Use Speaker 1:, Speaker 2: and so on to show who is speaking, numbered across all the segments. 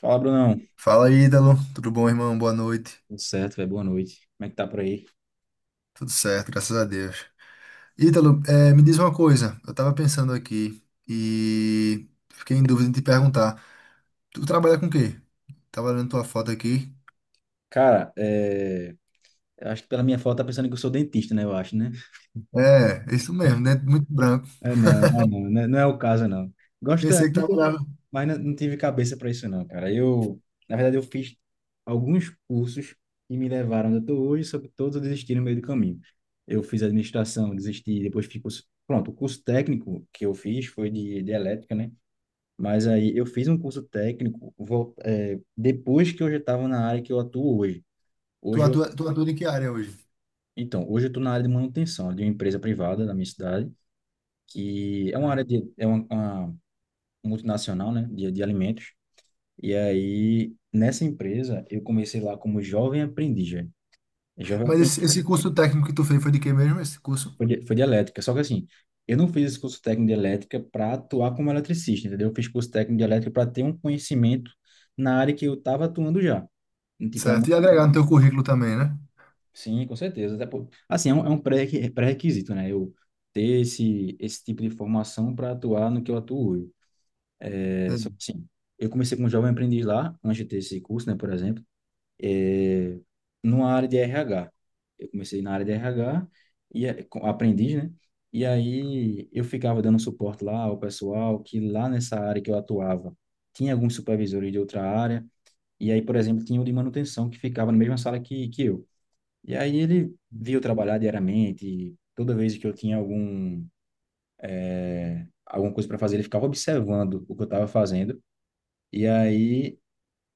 Speaker 1: Fala, Brunão.
Speaker 2: Fala, Ítalo. Tudo bom, irmão? Boa noite.
Speaker 1: Tudo certo, velho? Boa noite. Como é que tá por aí?
Speaker 2: Tudo certo, graças a Deus. Ítalo, me diz uma coisa. Eu tava pensando aqui e fiquei em dúvida de te perguntar. Tu trabalha com o quê? Tava olhando tua foto aqui.
Speaker 1: Cara, é... eu acho que pela minha foto tá pensando que eu sou dentista, né? Eu acho, né?
Speaker 2: É, isso mesmo, né? Muito branco.
Speaker 1: É, não, é, não, né? Não é o caso, não. Gostaria,
Speaker 2: Pensei que trabalhava.
Speaker 1: mas não tive cabeça para isso, não, cara. Na verdade, eu fiz alguns cursos que me levaram onde eu tô hoje, só que todos eu desisti no meio do caminho. Eu fiz administração, desisti, depois fiz curso... Pronto, o curso técnico que eu fiz foi de elétrica, né? Mas aí eu fiz um curso técnico vol- é, depois que eu já estava na área que eu atuo hoje.
Speaker 2: Tu
Speaker 1: Hoje eu,
Speaker 2: atua, tu atua em que área hoje?
Speaker 1: então, hoje eu estou na área de manutenção de uma empresa privada da minha cidade, que é uma área, uma multinacional, né, de alimentos. E aí, nessa empresa, eu comecei lá como jovem aprendiz, velho. Jovem
Speaker 2: Mas
Speaker 1: aprendiz
Speaker 2: esse curso técnico que tu fez foi de quê mesmo? Esse curso?
Speaker 1: foi de elétrica, só que assim, eu não fiz esse curso técnico de elétrica para atuar como eletricista, entendeu? Eu fiz curso técnico de elétrica para ter um conhecimento na área que eu estava atuando já, tipo, na
Speaker 2: Certo. E agregar no teu currículo também, né?
Speaker 1: Sim, com certeza. Até por... Assim, pré-requisito, né? Eu ter esse tipo de formação para atuar no que eu atuo hoje. É, só que, assim, eu comecei como jovem aprendiz lá, antes de ter esse curso, né, por exemplo, é, numa área de RH. Eu comecei na área de RH, aprendiz, né? E aí eu ficava dando suporte lá ao pessoal que lá nessa área que eu atuava tinha alguns supervisores de outra área. E aí, por exemplo, tinha o de manutenção que ficava na mesma sala que eu. E aí ele via eu trabalhar diariamente, e toda vez que eu tinha alguma coisa para fazer, ele ficava observando o que eu estava fazendo. E aí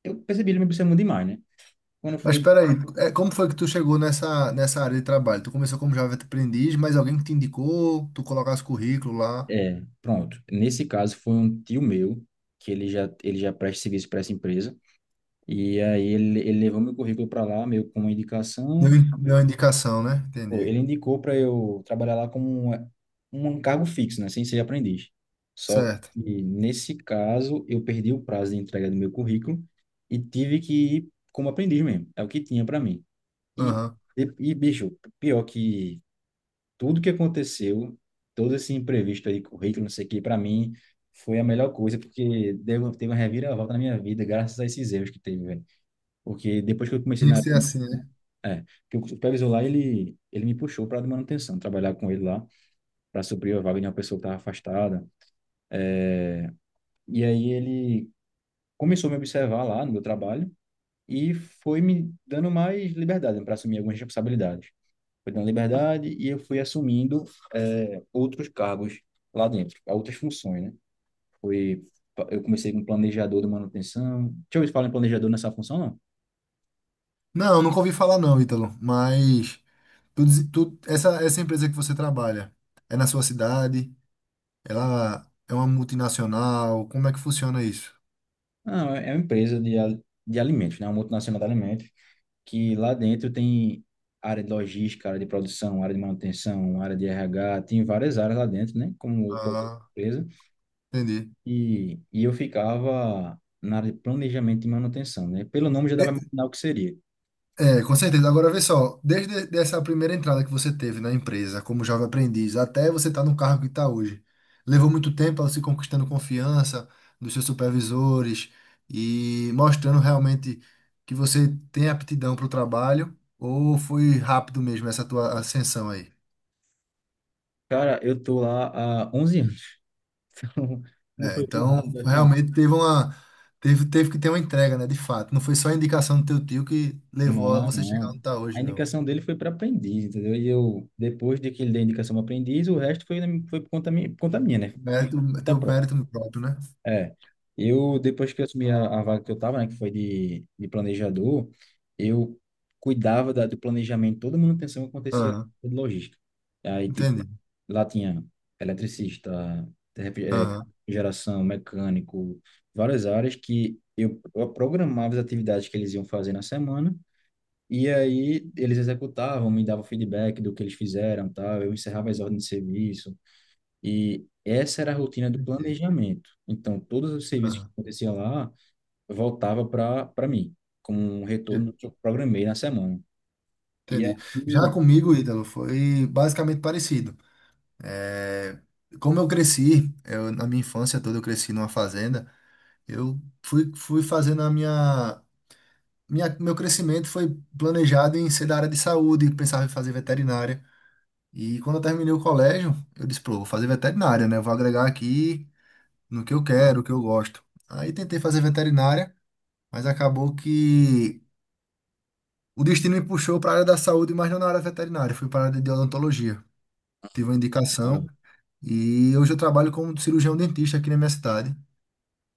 Speaker 1: eu percebi ele me observando demais, né? Quando eu
Speaker 2: Mas
Speaker 1: fui,
Speaker 2: peraí, como foi que tu chegou nessa área de trabalho? Tu começou como Java aprendiz, mas alguém que te indicou, tu colocasse currículo lá,
Speaker 1: é, pronto. Nesse caso foi um tio meu que ele já presta serviço para essa empresa. E aí ele levou meu currículo para lá, meio com uma
Speaker 2: deu,
Speaker 1: indicação.
Speaker 2: in- deu uma indicação, né? Entendi.
Speaker 1: Ele indicou para eu trabalhar lá como um cargo fixo, né, sem ser aprendiz. Só
Speaker 2: Certo.
Speaker 1: que nesse caso eu perdi o prazo de entrega do meu currículo e tive que ir como aprendiz mesmo. É o que tinha para mim. E,
Speaker 2: Aham.
Speaker 1: e bicho, pior que tudo que aconteceu, todo esse imprevisto aí, currículo, não sei o que, para mim foi a melhor coisa, porque deu, teve uma reviravolta na minha vida, graças a esses erros que teve, velho. Porque depois que eu comecei
Speaker 2: Tinha que
Speaker 1: na
Speaker 2: ser assim, né?
Speaker 1: É, porque o supervisor lá, ele me puxou para a manutenção, trabalhar com ele lá, para suprir a vaga de uma pessoa que estava afastada. E aí ele começou a me observar lá no meu trabalho e foi me dando mais liberdade para assumir algumas responsabilidades. Foi dando liberdade e eu fui assumindo outros cargos lá dentro, outras funções, né? Foi, eu comecei como planejador de manutenção. Deixa eu ver se fala em planejador nessa função, não.
Speaker 2: Não, nunca ouvi falar não, Ítalo, mas essa empresa que você trabalha, é na sua cidade? Ela é uma multinacional? Como é que funciona isso?
Speaker 1: Não, é uma empresa de alimentos, né? Uma multinacional de alimentos, que lá dentro tem área de logística, área de produção, área de manutenção, área de RH, tem várias áreas lá dentro, né? Como qualquer
Speaker 2: Ah,
Speaker 1: empresa.
Speaker 2: entendi.
Speaker 1: E eu ficava na área de planejamento e manutenção, né? Pelo nome já dá para imaginar o que seria.
Speaker 2: É, com certeza. Agora vê só, desde essa primeira entrada que você teve na empresa como jovem aprendiz até você estar no cargo que está hoje, levou muito tempo ela se conquistando confiança dos seus supervisores e mostrando realmente que você tem aptidão para o trabalho ou foi rápido mesmo essa tua ascensão aí?
Speaker 1: Cara, eu tô lá há 11 anos, então não
Speaker 2: É,
Speaker 1: foi tão
Speaker 2: então
Speaker 1: rápido assim.
Speaker 2: realmente teve que ter uma entrega, né, de fato. Não foi só a indicação do teu tio que levou a
Speaker 1: Não, não.
Speaker 2: você chegar onde
Speaker 1: não.
Speaker 2: está
Speaker 1: A
Speaker 2: hoje, não.
Speaker 1: indicação dele foi para aprendiz, entendeu? E eu, depois de que ele deu a indicação para aprendiz, o resto foi, foi por conta minha, né?
Speaker 2: Mérito,
Speaker 1: Conta
Speaker 2: teu
Speaker 1: própria.
Speaker 2: mérito próprio, né?
Speaker 1: É, eu depois que eu assumi a vaga que eu tava, né, que foi de planejador, eu cuidava do planejamento, toda a manutenção que acontecia lá de logística. Aí, tipo,
Speaker 2: Entendi.
Speaker 1: lá tinha eletricista, ref- eh,
Speaker 2: Aham,
Speaker 1: geração, mecânico, várias áreas que eu programava as atividades que eles iam fazer na semana, e aí eles executavam, me davam feedback do que eles fizeram, tal, eu encerrava as ordens de serviço, e essa era a rotina do
Speaker 2: entendi.
Speaker 1: planejamento. Então, todos os serviços que
Speaker 2: Aham,
Speaker 1: acontecia lá voltava para mim, como um
Speaker 2: j-
Speaker 1: retorno que eu programei na semana. E
Speaker 2: entendi. Já
Speaker 1: aqui,
Speaker 2: comigo, Ítalo, foi basicamente parecido. É, como eu cresci, na minha infância toda eu cresci numa fazenda, eu fui fazendo a minha, minha. Meu crescimento foi planejado em ser da área de saúde, pensava em fazer veterinária. E quando eu terminei o colégio, eu disse, pô, vou fazer veterinária, né? Vou agregar aqui no que eu quero, o que eu gosto. Aí tentei fazer veterinária, mas acabou que. O destino me puxou para a área da saúde, mas não na área veterinária, fui para a área de odontologia. Tive uma
Speaker 1: ó,
Speaker 2: indicação e hoje eu trabalho como cirurgião dentista aqui na minha cidade.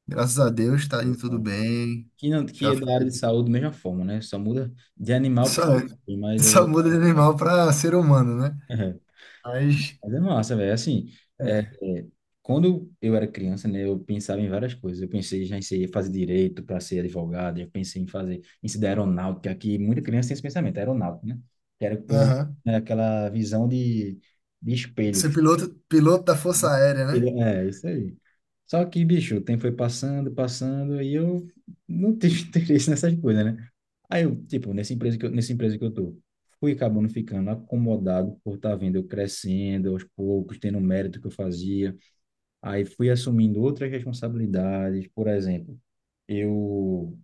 Speaker 2: Graças a Deus está indo
Speaker 1: foi
Speaker 2: tudo
Speaker 1: bom.
Speaker 2: bem.
Speaker 1: Que não, que
Speaker 2: Já
Speaker 1: é
Speaker 2: faz-
Speaker 1: da área de saúde da mesma forma, né? Só muda de animal
Speaker 2: só,
Speaker 1: para pessoa, mas é,
Speaker 2: só muda de animal para ser humano, né? Mas
Speaker 1: mas é massa, velho. Assim, é,
Speaker 2: é.
Speaker 1: é, quando eu era criança, né, eu pensava em várias coisas. Eu pensei já em ser, fazer direito para ser advogado, eu pensei em ser da aeronáutica, que muita criança tem esse pensamento, aeronáutica, né? Que era o que,
Speaker 2: Aham.
Speaker 1: né, aquela de espelho.
Speaker 2: Ser piloto, piloto da Força Aérea, né?
Speaker 1: É, isso aí. Só que, bicho, o tempo foi passando, passando, e eu não tive interesse nessas coisas, né? Aí eu, tipo, nessa empresa que eu tô, fui acabando ficando acomodado por estar tá vendo eu crescendo aos poucos, tendo o mérito que eu fazia. Aí fui assumindo outras responsabilidades, por exemplo, eu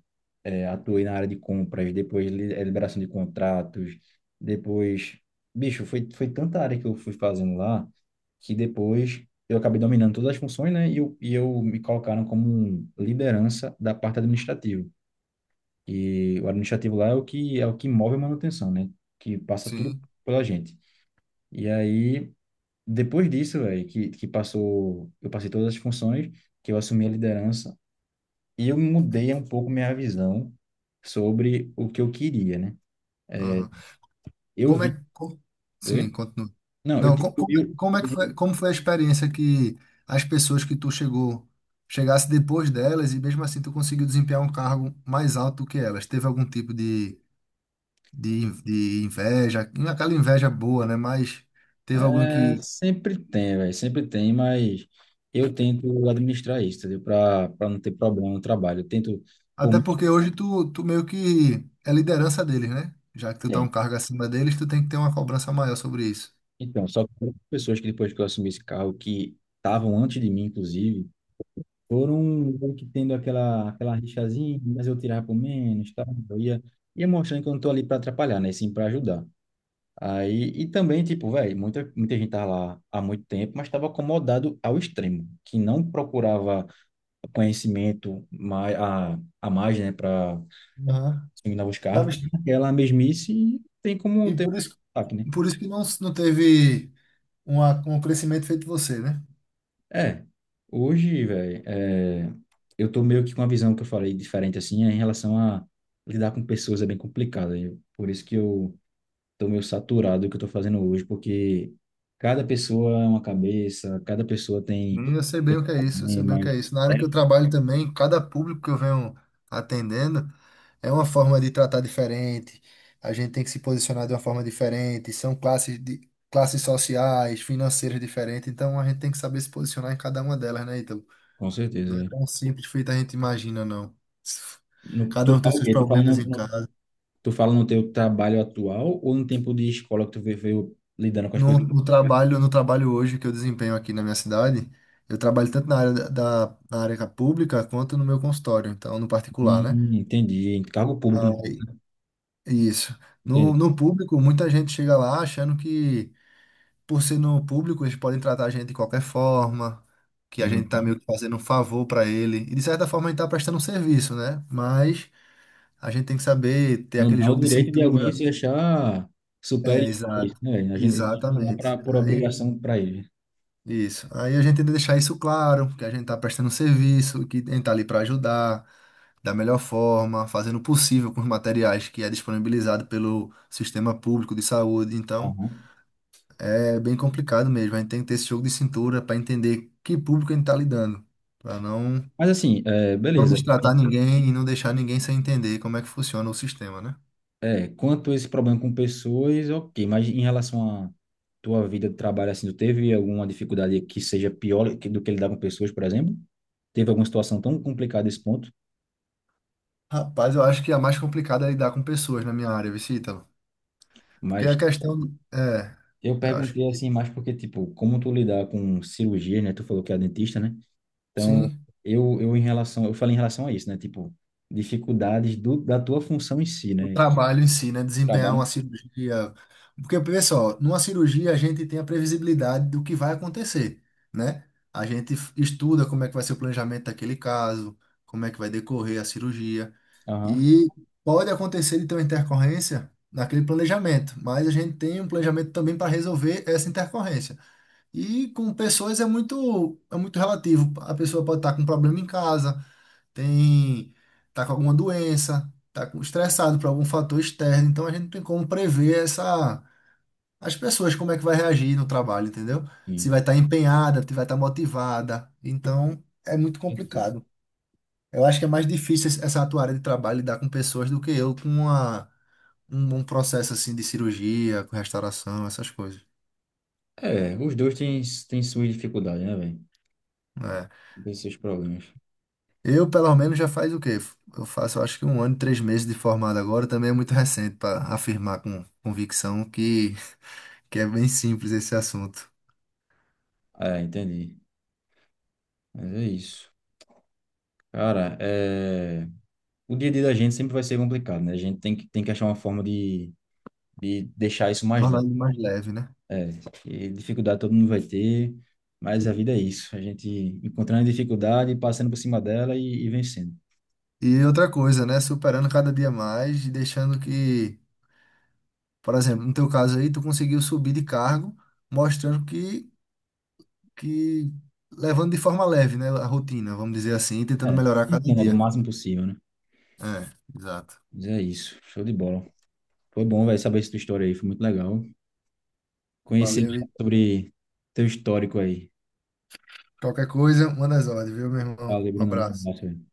Speaker 1: atuei na área de compras, depois liberação de contratos, depois, bicho, foi tanta área que eu fui fazendo lá, que depois eu acabei dominando todas as funções, né? E eu me colocaram como um liderança da parte administrativa. E o administrativo lá é o que move a manutenção, né? Que passa tudo
Speaker 2: Sim.
Speaker 1: pela gente. E aí depois disso, velho, que passou, eu passei todas as funções, que eu assumi a liderança, e eu mudei um pouco minha visão sobre o que eu queria, né?
Speaker 2: Aham.
Speaker 1: Eu
Speaker 2: Como
Speaker 1: vi.
Speaker 2: é, como-
Speaker 1: Oi?
Speaker 2: sim, continua.
Speaker 1: Não, eu
Speaker 2: Não,
Speaker 1: tive. Eu-
Speaker 2: como é que foi, como foi a experiência que as pessoas que tu chegou, chegasse depois delas e mesmo assim tu conseguiu desempenhar um cargo mais alto do que elas? Teve algum tipo de inveja, aquela inveja boa, né? Mas teve algum
Speaker 1: É,
Speaker 2: que...
Speaker 1: sempre tem, velho, sempre tem, mas eu tento administrar isso, entendeu? Para não ter problema no trabalho. Eu tento. Por
Speaker 2: Até
Speaker 1: mais
Speaker 2: porque
Speaker 1: que
Speaker 2: hoje tu meio que é liderança deles, né? Já que tu tá
Speaker 1: tenha.
Speaker 2: um cargo acima deles, tu tem que ter uma cobrança maior sobre isso.
Speaker 1: Então, só que pessoas que depois que eu assumi esse carro, que estavam antes de mim, inclusive. Foram meio que tendo aquela rixazinha, mas eu tirava por menos, tá? Eu ia, ia mostrando que eu não tô ali para atrapalhar, né? Sim, para ajudar. Aí, e também, tipo, velho, muita gente tava lá há muito tempo, mas estava acomodado ao extremo, que não procurava conhecimento mais, a mais, né, para
Speaker 2: Aham.
Speaker 1: dominar os
Speaker 2: Tá,
Speaker 1: carros, porque
Speaker 2: mas-
Speaker 1: aquela mesmice e tem como
Speaker 2: E
Speaker 1: ter
Speaker 2: por isso,
Speaker 1: um ataque, né?
Speaker 2: por isso que não teve... um crescimento feito você, né?
Speaker 1: É, hoje, velho, é, eu tô meio que com uma visão que eu falei diferente, assim, é em relação a lidar com pessoas é bem complicado. Eu, por isso que eu tô meio saturado do que eu tô fazendo hoje, porque cada pessoa é uma cabeça, cada pessoa tem
Speaker 2: Menino, eu sei bem
Speaker 1: tem
Speaker 2: o que é isso, eu sei bem o que
Speaker 1: problemas.
Speaker 2: é isso. Na
Speaker 1: É,
Speaker 2: área que eu trabalho também, cada público que eu venho atendendo é uma forma de tratar diferente, a gente tem que se posicionar de uma forma diferente, são classes de classes sociais, financeiras diferentes, então a gente tem que saber se posicionar em cada uma delas, né, Ítalo?
Speaker 1: com certeza,
Speaker 2: Não é
Speaker 1: velho.
Speaker 2: tão simples feito a gente imagina, não. Cada
Speaker 1: Tu
Speaker 2: um tem
Speaker 1: fala o
Speaker 2: seus
Speaker 1: quê?
Speaker 2: problemas em casa.
Speaker 1: Tu fala no teu trabalho atual ou no tempo de escola que tu veio lidando com as
Speaker 2: No,
Speaker 1: pessoas?
Speaker 2: no trabalho, no trabalho hoje que eu desempenho aqui na minha cidade, eu trabalho tanto na área na área pública quanto no meu consultório, então no particular, né?
Speaker 1: Entendi. Cargo público, não
Speaker 2: Aí, isso. No,
Speaker 1: entendi.
Speaker 2: no público, muita gente chega lá achando que, por ser no público, eles podem tratar a gente de qualquer forma, que a gente tá
Speaker 1: Uhum.
Speaker 2: meio que fazendo um favor para ele. E de certa forma a gente tá prestando um serviço, né? Mas a gente tem que saber ter
Speaker 1: Não
Speaker 2: aquele
Speaker 1: dá o
Speaker 2: jogo de
Speaker 1: direito de alguém
Speaker 2: cintura.
Speaker 1: se achar superior
Speaker 2: É,
Speaker 1: a
Speaker 2: exato.
Speaker 1: isso, né, velho? A gente não é
Speaker 2: Exatamente.
Speaker 1: pra, por obrigação para ele.
Speaker 2: Isso. Aí a gente tenta deixar isso claro, que a gente tá prestando serviço, que a gente tá ali para ajudar, da melhor forma, fazendo o possível com os materiais que é disponibilizado pelo sistema público de saúde. Então,
Speaker 1: Aham.
Speaker 2: é bem complicado mesmo. A gente tem que ter esse jogo de cintura para entender que público a gente tá lidando, para não
Speaker 1: Mas assim, é,
Speaker 2: não
Speaker 1: beleza.
Speaker 2: destratar ninguém e não deixar ninguém sem entender como é que funciona o sistema, né?
Speaker 1: É, quanto a esse problema com pessoas, ok. Mas em relação à tua vida de trabalho, assim, tu teve alguma dificuldade que seja do que lidar com pessoas, por exemplo? Teve alguma situação tão complicada nesse ponto?
Speaker 2: Rapaz, eu acho que a mais complicada é lidar com pessoas na minha área, Vicítalo. Porque
Speaker 1: Mas
Speaker 2: a questão é,
Speaker 1: eu
Speaker 2: eu acho
Speaker 1: perguntei
Speaker 2: que
Speaker 1: assim mais porque, tipo, como tu lidar com cirurgia, né? Tu falou que é dentista, né? Então,
Speaker 2: sim.
Speaker 1: eu em relação, eu falei em relação a isso, né? Tipo, dificuldades da tua função em si,
Speaker 2: O
Speaker 1: né?
Speaker 2: trabalho em si, né? Desempenhar
Speaker 1: Trabalho.
Speaker 2: uma cirurgia. Porque, pessoal, numa cirurgia a gente tem a previsibilidade do que vai acontecer, né? A gente estuda como é que vai ser o planejamento daquele caso, como é que vai decorrer a cirurgia.
Speaker 1: Aham,
Speaker 2: E pode acontecer de ter uma intercorrência naquele planejamento, mas a gente tem um planejamento também para resolver essa intercorrência. E com pessoas muito relativo. A pessoa pode estar com um problema em casa, tem, tá com alguma doença, estressado por algum fator externo, então a gente não tem como prever essa, as pessoas como é que vai reagir no trabalho, entendeu? Se
Speaker 1: sim.
Speaker 2: vai estar empenhada, se vai estar motivada. Então, é muito
Speaker 1: Entendi.
Speaker 2: complicado. Eu acho que é mais difícil essa tua área de trabalho lidar com pessoas do que eu com um processo assim de cirurgia, com restauração, essas coisas.
Speaker 1: É, os dois têm, têm suas dificuldades, né, velho?
Speaker 2: É.
Speaker 1: Tem seus problemas.
Speaker 2: Eu, pelo menos, já faz o quê? Eu faço, eu acho que 1 ano e 3 meses de formado agora, também é muito recente para afirmar com convicção que é bem simples esse assunto.
Speaker 1: É, entendi. Mas é isso. Cara, é... o dia a dia da gente sempre vai ser complicado, né? A gente tem que achar uma forma de deixar isso mais
Speaker 2: Tornar
Speaker 1: leve.
Speaker 2: ele mais leve, né?
Speaker 1: E dificuldade todo mundo vai ter, mas a vida é isso. A gente encontrando a dificuldade, passando por cima dela e vencendo.
Speaker 2: E outra coisa, né? Superando cada dia mais e deixando que, por exemplo, no teu caso aí, tu conseguiu subir de cargo, mostrando que levando de forma leve, né? A rotina, vamos dizer assim, e tentando
Speaker 1: É,
Speaker 2: melhorar cada
Speaker 1: tentando ali o
Speaker 2: dia.
Speaker 1: máximo possível, né?
Speaker 2: É, exato.
Speaker 1: Mas é isso, show de bola. Foi bom, velho, saber essa tua história aí, foi muito legal. Conhecer
Speaker 2: Valeu e
Speaker 1: melhor sobre teu histórico aí.
Speaker 2: qualquer coisa, manda as ordens, viu, meu irmão?
Speaker 1: Valeu,
Speaker 2: Um
Speaker 1: Bruno, um
Speaker 2: abraço.
Speaker 1: abraço, velho.